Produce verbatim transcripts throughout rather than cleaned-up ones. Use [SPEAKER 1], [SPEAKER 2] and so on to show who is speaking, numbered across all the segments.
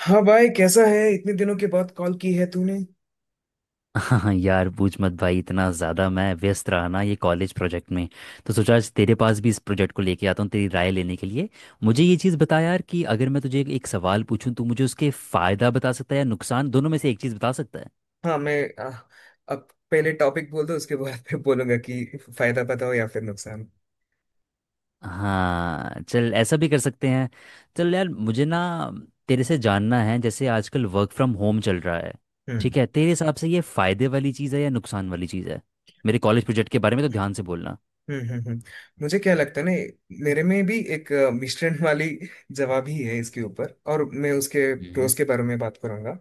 [SPEAKER 1] हाँ भाई कैसा है इतने दिनों के बाद कॉल की है तूने।
[SPEAKER 2] हाँ यार, पूछ मत भाई। इतना ज़्यादा मैं व्यस्त रहा ना ये कॉलेज प्रोजेक्ट में, तो सोचा आज तेरे पास भी इस प्रोजेक्ट को लेके आता हूँ तेरी राय लेने के लिए। मुझे ये चीज़ बता यार, कि अगर मैं तुझे एक सवाल पूछूँ तो मुझे उसके फ़ायदा बता सकता है या नुकसान, दोनों में से एक चीज़ बता सकता है।
[SPEAKER 1] हाँ मैं आ, अब पहले टॉपिक बोल दो उसके बाद फिर बोलूंगा कि फायदा बताओ या फिर नुकसान।
[SPEAKER 2] हाँ, चल ऐसा भी कर सकते हैं। चल यार, मुझे ना तेरे से जानना है। जैसे आजकल वर्क फ्रॉम होम चल रहा है,
[SPEAKER 1] हम्म।
[SPEAKER 2] ठीक है, तेरे हिसाब से ये फ़ायदे वाली चीज़ है या नुकसान वाली चीज़ है। मेरे कॉलेज प्रोजेक्ट के बारे में तो ध्यान से बोलना।
[SPEAKER 1] हम्म हम्म हम्म। मुझे क्या लगता है ना, मेरे में भी एक अ, मिश्रण वाली जवाब ही है इसके ऊपर, और मैं उसके
[SPEAKER 2] हम्म।
[SPEAKER 1] प्रोज के बारे में बात करूंगा।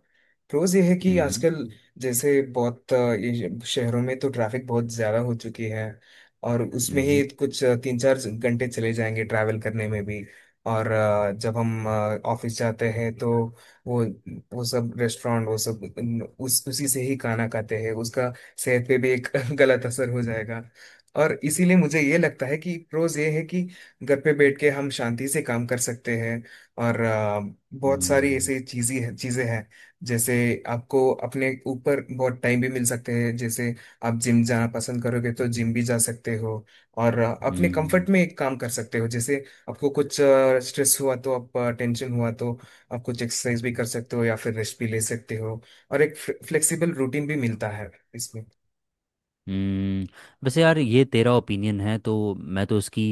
[SPEAKER 1] प्रोज ये है कि
[SPEAKER 2] हम्म।
[SPEAKER 1] आजकल जैसे बहुत अ, ये शहरों में तो ट्रैफिक बहुत ज्यादा हो चुकी है और उसमें
[SPEAKER 2] हम्म। हम्म।
[SPEAKER 1] ही कुछ अ, तीन चार घंटे चले जाएंगे ट्रैवल करने में भी। और अ, जब हम ऑफिस जाते हैं तो वो वो सब रेस्टोरेंट वो सब उन- उस उसी से ही खाना खाते हैं, उसका सेहत पे भी एक गलत असर हो जाएगा। और इसीलिए मुझे ये लगता है कि प्रोज ये है कि घर पे बैठ के हम शांति से काम कर सकते हैं। और अ, बहुत सारी
[SPEAKER 2] हम्म।
[SPEAKER 1] ऐसी चीजें हैं चीजें हैं जैसे आपको अपने ऊपर बहुत टाइम भी मिल सकते हैं। जैसे आप जिम जाना पसंद करोगे तो जिम भी जा सकते हो, और अ, अपने
[SPEAKER 2] हम्म।
[SPEAKER 1] कंफर्ट में एक काम कर सकते हो। जैसे आपको कुछ स्ट्रेस हुआ तो, आप टेंशन हुआ तो आप कुछ एक्सरसाइज भी कर सकते हो या फिर रेस्ट भी ले सकते हो। और एक फ्लेक्सिबल रूटीन भी मिलता है इसमें।
[SPEAKER 2] हम्म। वैसे यार, ये तेरा ओपिनियन है तो मैं तो इसकी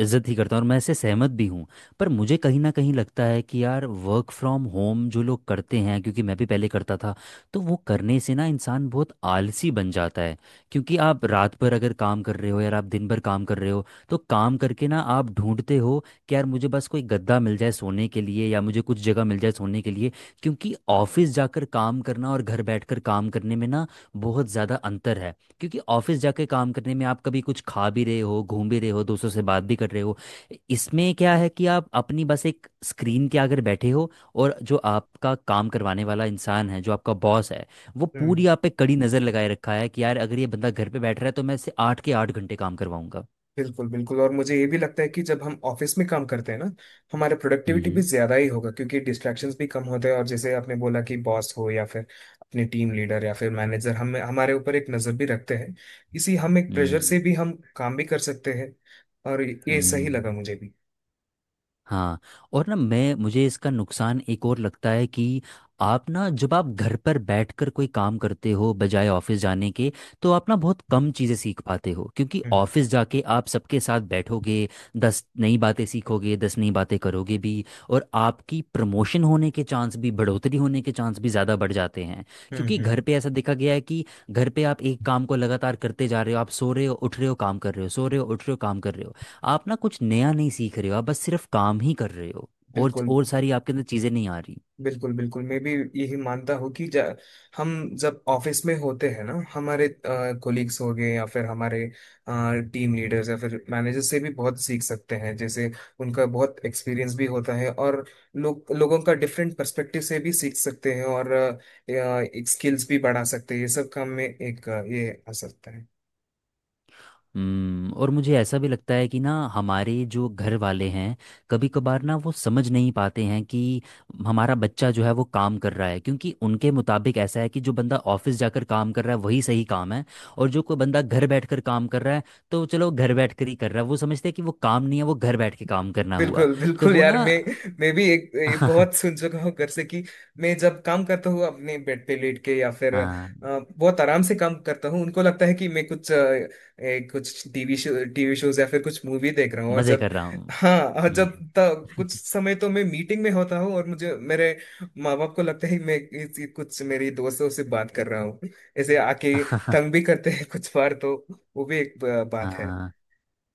[SPEAKER 2] इज्जत ही करता हूँ, और मैं इससे सहमत भी हूँ। पर मुझे कहीं ना कहीं लगता है कि यार वर्क फ्रॉम होम जो लोग करते हैं, क्योंकि मैं भी पहले करता था, तो वो करने से ना इंसान बहुत आलसी बन जाता है। क्योंकि आप रात भर अगर काम कर रहे हो यार, आप दिन भर काम कर रहे हो, तो काम करके ना आप ढूंढते हो कि यार मुझे बस कोई गद्दा मिल जाए सोने के लिए, या मुझे कुछ जगह मिल जाए सोने के लिए। क्योंकि ऑफिस जाकर काम करना और घर बैठकर काम करने में ना बहुत ज़्यादा अंतर है। क्योंकि ऑफिस जाके काम करने में आप कभी कुछ खा भी रहे हो, घूम भी रहे हो, दोस्तों से बात भी कर रहे हो। इसमें क्या है कि आप अपनी बस एक स्क्रीन के आगे बैठे हो, और जो आपका काम करवाने वाला इंसान है, जो आपका बॉस है, वो पूरी
[SPEAKER 1] हम्म।
[SPEAKER 2] आप पे कड़ी नज़र लगाए रखा है कि यार अगर ये बंदा घर पे बैठ रहा है तो मैं इससे आठ के आठ घंटे काम करवाऊंगा।
[SPEAKER 1] बिल्कुल बिल्कुल, और मुझे ये भी लगता है कि जब हम ऑफिस में काम करते हैं ना, हमारा प्रोडक्टिविटी भी
[SPEAKER 2] हम्म।
[SPEAKER 1] ज्यादा ही होगा क्योंकि डिस्ट्रैक्शंस भी कम होते हैं। और जैसे आपने बोला कि बॉस हो या फिर अपने टीम लीडर या फिर मैनेजर, हम हमारे ऊपर एक नजर भी रखते हैं। इसी हम एक प्रेशर
[SPEAKER 2] हम्म।
[SPEAKER 1] से भी हम काम भी कर सकते हैं। और ये सही
[SPEAKER 2] हम्म।
[SPEAKER 1] लगा मुझे भी।
[SPEAKER 2] हाँ। और ना मैं मुझे इसका नुकसान एक और लगता है, कि आप ना, जब आप घर पर बैठकर कोई काम करते हो बजाय ऑफिस जाने के, तो आप ना बहुत कम चीज़ें सीख पाते हो। क्योंकि
[SPEAKER 1] हम्म
[SPEAKER 2] ऑफिस जाके आप सबके साथ बैठोगे, दस नई बातें सीखोगे, दस नई बातें करोगे भी। और आपकी प्रमोशन होने के चांस भी, बढ़ोतरी होने के चांस भी ज़्यादा बढ़ जाते हैं।
[SPEAKER 1] हम्म
[SPEAKER 2] क्योंकि घर
[SPEAKER 1] हम्म,
[SPEAKER 2] पे ऐसा देखा गया है कि घर पे आप एक काम को लगातार करते जा रहे हो, आप सो रहे हो, उठ रहे हो, काम कर रहे हो, सो रहे हो, उठ रहे हो, काम कर रहे हो। आप ना कुछ नया नहीं सीख रहे हो, आप बस सिर्फ काम ही कर रहे हो। और
[SPEAKER 1] बिल्कुल
[SPEAKER 2] और सारी आपके अंदर चीज़ें नहीं आ रही।
[SPEAKER 1] बिल्कुल। बिल्कुल मैं भी यही मानता हूँ कि जा- हम जब ऑफिस में होते हैं ना, हमारे कोलिग्स हो गए या फिर हमारे टीम लीडर्स या फिर मैनेजर से भी बहुत सीख सकते हैं। जैसे उनका बहुत एक्सपीरियंस भी होता है, और लोग लोगों का डिफरेंट पर्सपेक्टिव से भी सीख सकते हैं। और अ, अ, एक स्किल्स भी बढ़ा सकते हैं। ये सब काम में एक अ, ये आ सकता है।
[SPEAKER 2] हम्म। और मुझे ऐसा भी लगता है कि ना, हमारे जो घर वाले हैं, कभी कभार ना वो समझ नहीं पाते हैं कि हमारा बच्चा जो है वो काम कर रहा है। क्योंकि उनके मुताबिक ऐसा है कि जो बंदा ऑफिस जाकर काम कर रहा है वही सही काम है। और जो कोई बंदा घर बैठकर काम कर रहा है, तो चलो घर बैठकर ही कर रहा है, वो समझते हैं कि वो काम नहीं है, वो घर बैठ के काम करना हुआ।
[SPEAKER 1] बिल्कुल
[SPEAKER 2] तो
[SPEAKER 1] बिल्कुल
[SPEAKER 2] वो
[SPEAKER 1] यार,
[SPEAKER 2] ना।
[SPEAKER 1] मैं मैं भी एक, एक बहुत सुन चुका हूँ घर से कि मैं जब काम करता हूँ अपने बेड पे लेट के या फिर अ,
[SPEAKER 2] हाँ,
[SPEAKER 1] बहुत आराम से काम करता हूँ, उनको लगता है कि मैं कुछ अ, ए, कुछ टीवी शो टीवी शोज या फिर कुछ मूवी देख रहा हूँ। और
[SPEAKER 2] मज़े
[SPEAKER 1] जब
[SPEAKER 2] कर रहा हूँ।
[SPEAKER 1] हाँ, और जब
[SPEAKER 2] हम्म।
[SPEAKER 1] त, कुछ समय तो मैं मीटिंग में होता हूँ और मुझे मेरे माँ बाप को लगता है कि मैं इस- कुछ मेरी दोस्तों से बात कर रहा हूँ। ऐसे आके तंग भी करते हैं कुछ बार तो। वो भी एक अ, बात है।
[SPEAKER 2] हाँ।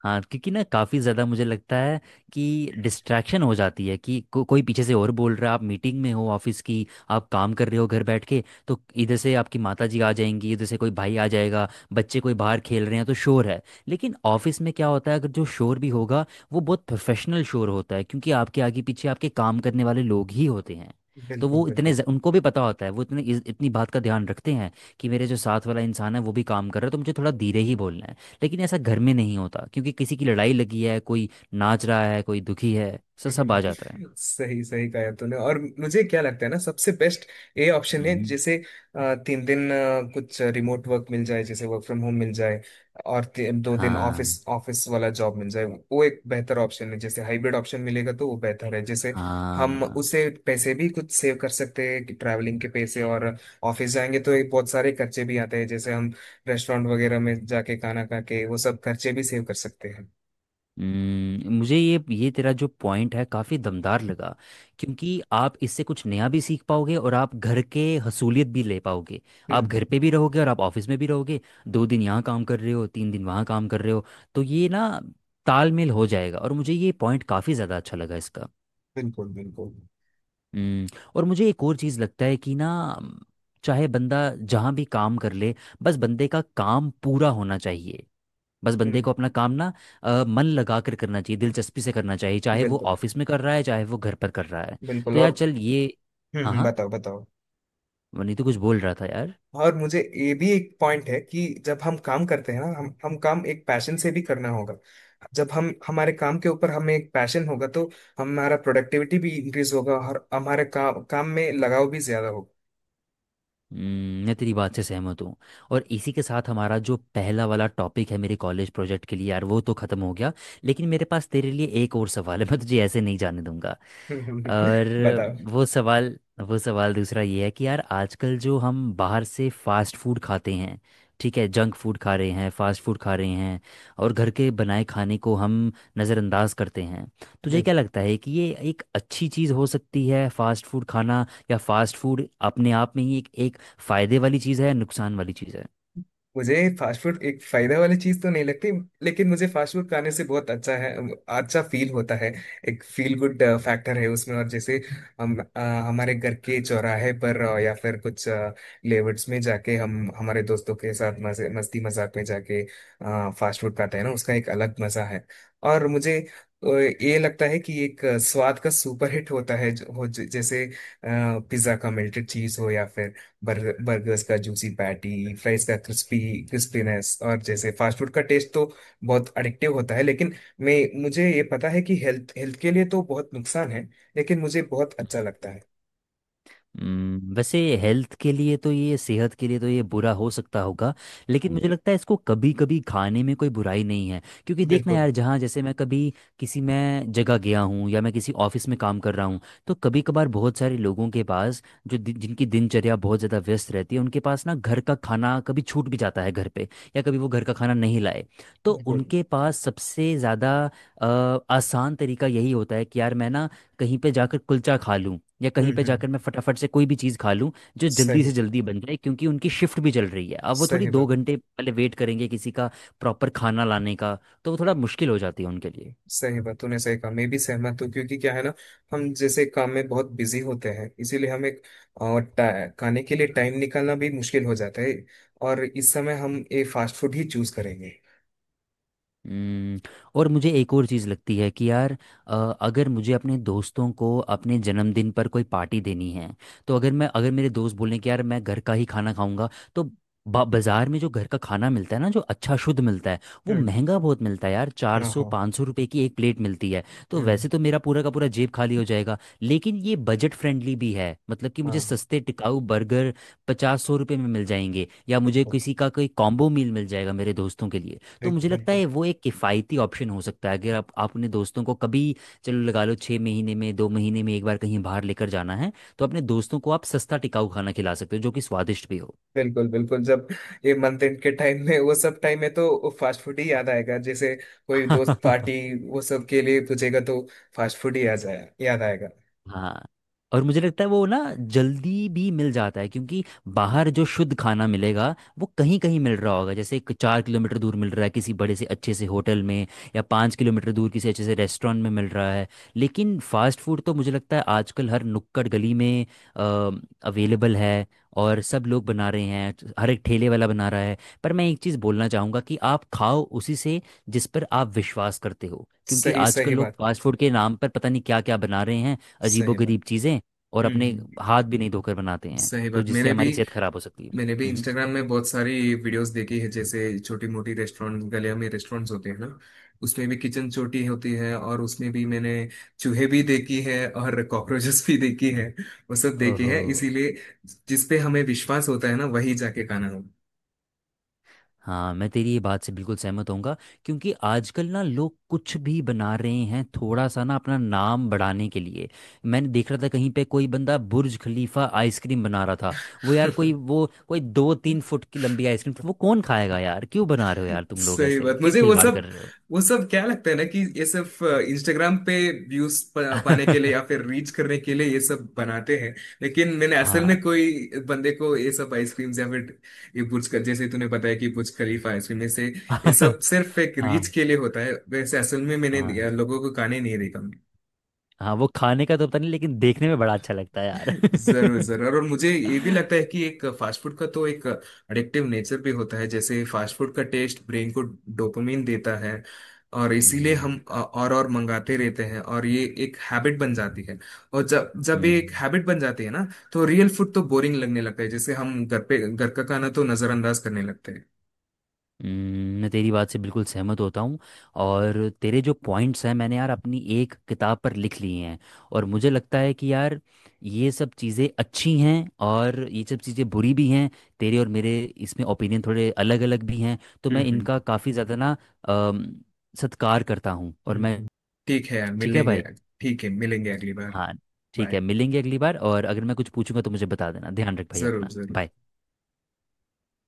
[SPEAKER 2] हाँ, क्योंकि ना काफ़ी ज़्यादा मुझे लगता है कि डिस्ट्रैक्शन हो जाती है, कि को, कोई पीछे से और बोल रहा है। आप मीटिंग में हो ऑफिस की, आप काम कर रहे हो घर बैठ के, तो इधर से आपकी माता जी आ जाएंगी, इधर से कोई भाई आ जाएगा, बच्चे कोई बाहर खेल रहे हैं तो शोर है। लेकिन ऑफिस में क्या होता है, अगर जो शोर भी होगा, वो बहुत प्रोफेशनल शोर होता है, क्योंकि आपके आगे पीछे आपके काम करने वाले लोग ही होते हैं। तो
[SPEAKER 1] बिल्कुल
[SPEAKER 2] वो इतने
[SPEAKER 1] बिल्कुल।
[SPEAKER 2] ज- उनको भी पता होता है, वो इतने इस- इतनी बात का ध्यान रखते हैं कि मेरे जो साथ वाला इंसान है वो भी काम कर रहा है, तो मुझे थोड़ा धीरे ही बोलना है। लेकिन ऐसा घर में नहीं होता, क्योंकि किसी की लड़ाई लगी है, कोई नाच रहा है, कोई दुखी है, सब सब आ जाता है।
[SPEAKER 1] सही सही कहा तूने, और मुझे क्या लगता है ना, सबसे बेस्ट ये ऑप्शन है।
[SPEAKER 2] हम्म।
[SPEAKER 1] जैसे अ, तीन दिन अ, कुछ रिमोट वर्क मिल जाए, जैसे वर्क फ्रॉम होम मिल जाए, और ति- दो दिन
[SPEAKER 2] हाँ।
[SPEAKER 1] ऑफिस ऑफिस वाला जॉब मिल जाए, वो एक बेहतर ऑप्शन है। जैसे हाइब्रिड ऑप्शन मिलेगा तो वो बेहतर है। जैसे हम
[SPEAKER 2] हाँ।
[SPEAKER 1] उसे पैसे भी कुछ सेव कर सकते हैं कि ट्रैवलिंग के पैसे, और ऑफिस जाएंगे तो एक बहुत सारे खर्चे भी आते हैं। जैसे हम रेस्टोरेंट वगैरह में जाके खाना खा के वो सब खर्चे भी सेव कर सकते हैं।
[SPEAKER 2] हम्म, मुझे ये ये तेरा जो पॉइंट है काफ़ी दमदार लगा। क्योंकि आप इससे कुछ नया भी सीख पाओगे, और आप घर के हसूलियत भी ले पाओगे। आप
[SPEAKER 1] हम्म।
[SPEAKER 2] घर पे भी रहोगे और आप ऑफिस में भी रहोगे। दो दिन यहाँ काम कर रहे हो, तीन दिन वहाँ काम कर रहे हो, तो ये ना तालमेल हो जाएगा। और मुझे ये पॉइंट काफ़ी ज़्यादा अच्छा लगा इसका।
[SPEAKER 1] बिल्कुल बिल्कुल।
[SPEAKER 2] हम्म। और मुझे एक और चीज़ लगता है कि ना, चाहे बंदा जहाँ भी काम कर ले, बस बंदे का काम पूरा होना चाहिए। बस बंदे
[SPEAKER 1] हम्म।
[SPEAKER 2] को अपना काम ना अ, मन लगा कर करना चाहिए, दिलचस्पी से करना चाहिए, चाहे वो
[SPEAKER 1] बिल्कुल
[SPEAKER 2] ऑफिस में कर रहा है चाहे वो घर पर कर रहा है। तो
[SPEAKER 1] बिल्कुल।
[SPEAKER 2] यार
[SPEAKER 1] और
[SPEAKER 2] चल ये।
[SPEAKER 1] हम्म
[SPEAKER 2] हाँ
[SPEAKER 1] हम्म,
[SPEAKER 2] हाँ,
[SPEAKER 1] बताओ बताओ।
[SPEAKER 2] वनी तो कुछ बोल रहा था यार।
[SPEAKER 1] और मुझे ये भी एक पॉइंट है कि जब हम काम करते हैं ना, हम हम काम एक पैशन से भी करना होगा। जब हम हमारे काम के ऊपर हमें एक पैशन होगा तो हमारा प्रोडक्टिविटी भी इंक्रीज होगा, और हमारे काम काम में लगाव भी ज्यादा होगा।
[SPEAKER 2] हम्म, मैं तेरी बात से सहमत हूँ। और इसी के साथ हमारा जो पहला वाला टॉपिक है मेरे कॉलेज प्रोजेक्ट के लिए, यार वो तो ख़त्म हो गया। लेकिन मेरे पास तेरे लिए एक और सवाल है, मैं तुझे ऐसे नहीं जाने दूंगा। और
[SPEAKER 1] बताओ।
[SPEAKER 2] वो सवाल वो सवाल दूसरा ये है कि यार आजकल जो हम बाहर से फास्ट फूड खाते हैं, ठीक है, जंक फूड खा रहे हैं, फास्ट फूड खा रहे हैं, और घर के बनाए खाने को हम नज़रअंदाज करते हैं। तुझे क्या लगता है कि ये एक अच्छी चीज़ हो सकती है, फास्ट फूड खाना? या फास्ट फूड अपने आप में ही एक एक फायदे वाली चीज़ है या नुकसान वाली चीज़ है?
[SPEAKER 1] मुझे फास्ट फूड एक फायदा वाली चीज तो नहीं लगती, लेकिन मुझे फास्ट फूड खाने से बहुत अच्छा है, अच्छा फील होता है। एक फील गुड फैक्टर है उसमें। और जैसे हम अ, हमारे घर के चौराहे पर अ, या फिर कुछ लेवर्ड्स में जाके हम हमारे दोस्तों के साथ मजे मस्ती मजाक में जाके फास्ट फूड खाते हैं ना, उसका एक अलग मजा है। और मुझे अ, ये लगता है कि एक अ, स्वाद का सुपर हिट होता है जो हो- जैसे पिज्जा का मेल्टेड चीज हो या फिर बर्गर बर्गर्स का जूसी पैटी, फ्राइज का क्रिस्पी क्रिस्पीनेस। और जैसे फास्ट फूड का टेस्ट तो बहुत अडिक्टिव होता है। लेकिन मैं मुझे ये पता है कि हेल्थ हेल्थ के लिए तो बहुत नुकसान है, लेकिन मुझे बहुत अच्छा लगता
[SPEAKER 2] हम्म।
[SPEAKER 1] है।
[SPEAKER 2] हम्म, वैसे हेल्थ के लिए तो ये, सेहत के लिए तो ये बुरा हो सकता होगा। लेकिन मुझे हम्म, लगता है इसको कभी कभी खाने में कोई बुराई नहीं है, क्योंकि देखना
[SPEAKER 1] बिल्कुल।
[SPEAKER 2] यार, जहाँ जैसे मैं कभी किसी मैं जगह गया हूँ या मैं किसी ऑफिस में काम कर रहा हूँ, तो कभी कभार बहुत सारे लोगों के पास, जो दि- जिनकी दिनचर्या बहुत ज़्यादा व्यस्त रहती है, उनके पास ना घर का खाना कभी छूट भी जाता है घर पे, या कभी वो घर का खाना नहीं लाए, तो
[SPEAKER 1] बिल्कुल।
[SPEAKER 2] उनके पास सबसे ज़्यादा अ, आसान तरीका यही होता है कि यार मैं ना कहीं पे जाकर कुलचा खा लूं, या
[SPEAKER 1] हम्म
[SPEAKER 2] कहीं पे
[SPEAKER 1] हम्म।
[SPEAKER 2] जाकर मैं फटाफट से कोई भी चीज़ खा लूं जो जल्दी से
[SPEAKER 1] सही
[SPEAKER 2] जल्दी बन जाए। क्योंकि उनकी शिफ्ट भी चल रही है, अब वो थोड़ी
[SPEAKER 1] सही
[SPEAKER 2] दो
[SPEAKER 1] बात।
[SPEAKER 2] घंटे पहले वेट करेंगे किसी का प्रॉपर खाना लाने का, तो वो थोड़ा मुश्किल हो जाती है उनके लिए।
[SPEAKER 1] सही बात तूने सही कहा, मैं भी सहमत हूँ। क्योंकि क्या है ना, हम जैसे काम में बहुत बिजी होते हैं, इसीलिए हमें और टा- खाने के लिए टाइम निकालना भी मुश्किल हो जाता है। और इस समय हम ये फास्ट फूड ही चूज करेंगे।
[SPEAKER 2] हम्म, और मुझे एक और चीज़ लगती है कि यार, अ, अगर मुझे अपने दोस्तों को अपने जन्मदिन पर कोई पार्टी देनी है, तो अगर मैं, अगर मेरे दोस्त बोलें कि यार मैं घर का ही खाना खाऊंगा, तो बा- बाजार में जो घर का खाना मिलता है ना, जो अच्छा शुद्ध मिलता है, वो
[SPEAKER 1] हम्म।
[SPEAKER 2] महंगा बहुत मिलता है यार, चार
[SPEAKER 1] हाँ
[SPEAKER 2] सौ
[SPEAKER 1] हाँ।
[SPEAKER 2] पाँच सौ रुपये की एक प्लेट मिलती है। तो
[SPEAKER 1] हम्म।
[SPEAKER 2] वैसे तो मेरा पूरा का पूरा जेब खाली हो जाएगा, लेकिन ये बजट फ्रेंडली भी है, मतलब कि मुझे
[SPEAKER 1] हाँ।
[SPEAKER 2] सस्ते टिकाऊ बर्गर पचास सौ रुपये में मिल जाएंगे, या मुझे
[SPEAKER 1] बिल्कुल।
[SPEAKER 2] किसी का कोई कॉम्बो मील मिल जाएगा मेरे दोस्तों के लिए। तो
[SPEAKER 1] बिल्कुल
[SPEAKER 2] मुझे लगता
[SPEAKER 1] बिल्कुल।
[SPEAKER 2] है वो एक किफ़ायती ऑप्शन हो सकता है, अगर आप, आप अपने दोस्तों को कभी, चलो लगा लो छः महीने में, दो महीने में एक बार कहीं बाहर लेकर जाना है, तो अपने दोस्तों को आप सस्ता टिकाऊ खाना खिला सकते हो जो कि स्वादिष्ट भी
[SPEAKER 1] बिल्कुल बिल्कुल जब ये मंथ एंड के टाइम में, वो सब टाइम में तो फास्ट फूड ही याद आएगा। जैसे कोई दोस्त
[SPEAKER 2] हो।
[SPEAKER 1] पार्टी वो सब के लिए पूछेगा तो फास्ट फूड ही याद आया याद आएगा।
[SPEAKER 2] हाँ। और मुझे लगता है वो ना जल्दी भी मिल जाता है, क्योंकि बाहर जो शुद्ध खाना मिलेगा वो कहीं कहीं मिल रहा होगा, जैसे एक चार किलोमीटर दूर मिल रहा है किसी बड़े से अच्छे से होटल में, या पाँच किलोमीटर दूर किसी अच्छे से रेस्टोरेंट में मिल रहा है। लेकिन फास्ट फूड तो मुझे लगता है आजकल हर नुक्कड़ गली में अवेलेबल है, और सब लोग बना रहे हैं, हर एक ठेले वाला बना रहा है। पर मैं एक चीज़ बोलना चाहूँगा कि आप खाओ उसी से जिस पर आप विश्वास करते हो, क्योंकि
[SPEAKER 1] सही
[SPEAKER 2] आजकल
[SPEAKER 1] सही
[SPEAKER 2] लोग
[SPEAKER 1] बात।
[SPEAKER 2] फास्ट फूड के नाम पर पता नहीं क्या क्या बना रहे हैं,
[SPEAKER 1] सही बात।
[SPEAKER 2] अजीबोगरीब चीज़ें, और
[SPEAKER 1] हम्म
[SPEAKER 2] अपने
[SPEAKER 1] हम्म,
[SPEAKER 2] हाथ भी नहीं धोकर बनाते हैं,
[SPEAKER 1] सही
[SPEAKER 2] तो
[SPEAKER 1] बात।
[SPEAKER 2] जिससे
[SPEAKER 1] मैंने भी
[SPEAKER 2] हमारी सेहत खराब हो सकती है।
[SPEAKER 1] मैंने भी
[SPEAKER 2] हम्म।
[SPEAKER 1] इंस्टाग्राम में बहुत सारी वीडियोस देखी है। जैसे छोटी मोटी रेस्टोरेंट गलियों में रेस्टोरेंट्स होते हैं ना, उसमें भी किचन छोटी होती है, और उसमें भी मैंने चूहे भी देखी है और कॉकरोचेस भी देखी है, वो सब देखी
[SPEAKER 2] ओहो।
[SPEAKER 1] है। इसीलिए जिस पे हमें विश्वास होता है ना, वही जाके खाना।
[SPEAKER 2] हाँ, मैं तेरी ये बात से बिल्कुल सहमत होऊंगा, क्योंकि आजकल ना लोग कुछ भी बना रहे हैं थोड़ा सा ना अपना नाम बढ़ाने के लिए। मैंने देख रहा था कहीं पे कोई बंदा बुर्ज खलीफा आइसक्रीम बना रहा था। वो यार
[SPEAKER 1] हो।
[SPEAKER 2] कोई, वो कोई दो तीन फुट की लंबी आइसक्रीम, वो कौन खाएगा यार? क्यों बना रहे हो यार, तुम लोग
[SPEAKER 1] सही
[SPEAKER 2] ऐसे
[SPEAKER 1] बात।
[SPEAKER 2] क्यों
[SPEAKER 1] मुझे वो
[SPEAKER 2] खिलवाड़ कर
[SPEAKER 1] सब
[SPEAKER 2] रहे हो?
[SPEAKER 1] वो सब क्या लगता है ना कि ये सिर्फ इंस्टाग्राम पे व्यूज पाने के लिए या फिर रीच करने के लिए ये सब बनाते हैं। लेकिन मैंने असल
[SPEAKER 2] हाँ।
[SPEAKER 1] में कोई बंदे को ये सब आइसक्रीम्स या फिर ये बुर्ज, जैसे तूने बताया कि बुर्ज खलीफा आइसक्रीम ये से, ये सब सिर्फ एक रीच
[SPEAKER 2] हाँ।
[SPEAKER 1] के लिए होता है। वैसे असल में
[SPEAKER 2] हाँ।
[SPEAKER 1] मैंने लोगों को खाने नहीं देखा।
[SPEAKER 2] हाँ, वो खाने का तो पता नहीं, लेकिन देखने में बड़ा अच्छा लगता है यार।
[SPEAKER 1] जरूर जरूर। और मुझे ये भी लगता है कि एक फास्ट फूड का तो एक अडिक्टिव नेचर भी होता है। जैसे फास्ट फूड का टेस्ट ब्रेन को डोपामिन देता है, और इसीलिए हम
[SPEAKER 2] हम्म।
[SPEAKER 1] और और मंगाते रहते हैं, और ये एक हैबिट बन जाती है। और जब जब ये एक
[SPEAKER 2] हम्म,
[SPEAKER 1] हैबिट बन जाती है ना, तो रियल फूड तो बोरिंग लगने लगता है। जैसे हम घर पे घर का खाना तो नजरअंदाज करने लगते हैं।
[SPEAKER 2] हम्म, मैं तेरी बात से बिल्कुल सहमत होता हूँ। और तेरे जो पॉइंट्स हैं मैंने यार अपनी एक किताब पर लिख लिए हैं। और मुझे लगता है कि यार ये सब चीज़ें अच्छी हैं, और ये सब चीज़ें बुरी भी हैं। तेरे और मेरे इसमें ओपिनियन थोड़े अलग अलग भी हैं, तो
[SPEAKER 1] हम्म
[SPEAKER 2] मैं
[SPEAKER 1] हम्म।
[SPEAKER 2] इनका काफ़ी ज़्यादा ना अम, सत्कार करता हूँ। और
[SPEAKER 1] हम्म
[SPEAKER 2] मैं।
[SPEAKER 1] हम्म। ठीक है यार,
[SPEAKER 2] ठीक है
[SPEAKER 1] मिलेंगे।
[SPEAKER 2] भाई।
[SPEAKER 1] ठीक है मिलेंगे अगली बार।
[SPEAKER 2] हाँ, ठीक है,
[SPEAKER 1] बाय।
[SPEAKER 2] मिलेंगे अगली बार। और अगर मैं कुछ पूछूंगा तो मुझे बता देना। ध्यान रख भाई
[SPEAKER 1] जरूर
[SPEAKER 2] अपना।
[SPEAKER 1] जरूर।
[SPEAKER 2] बाय।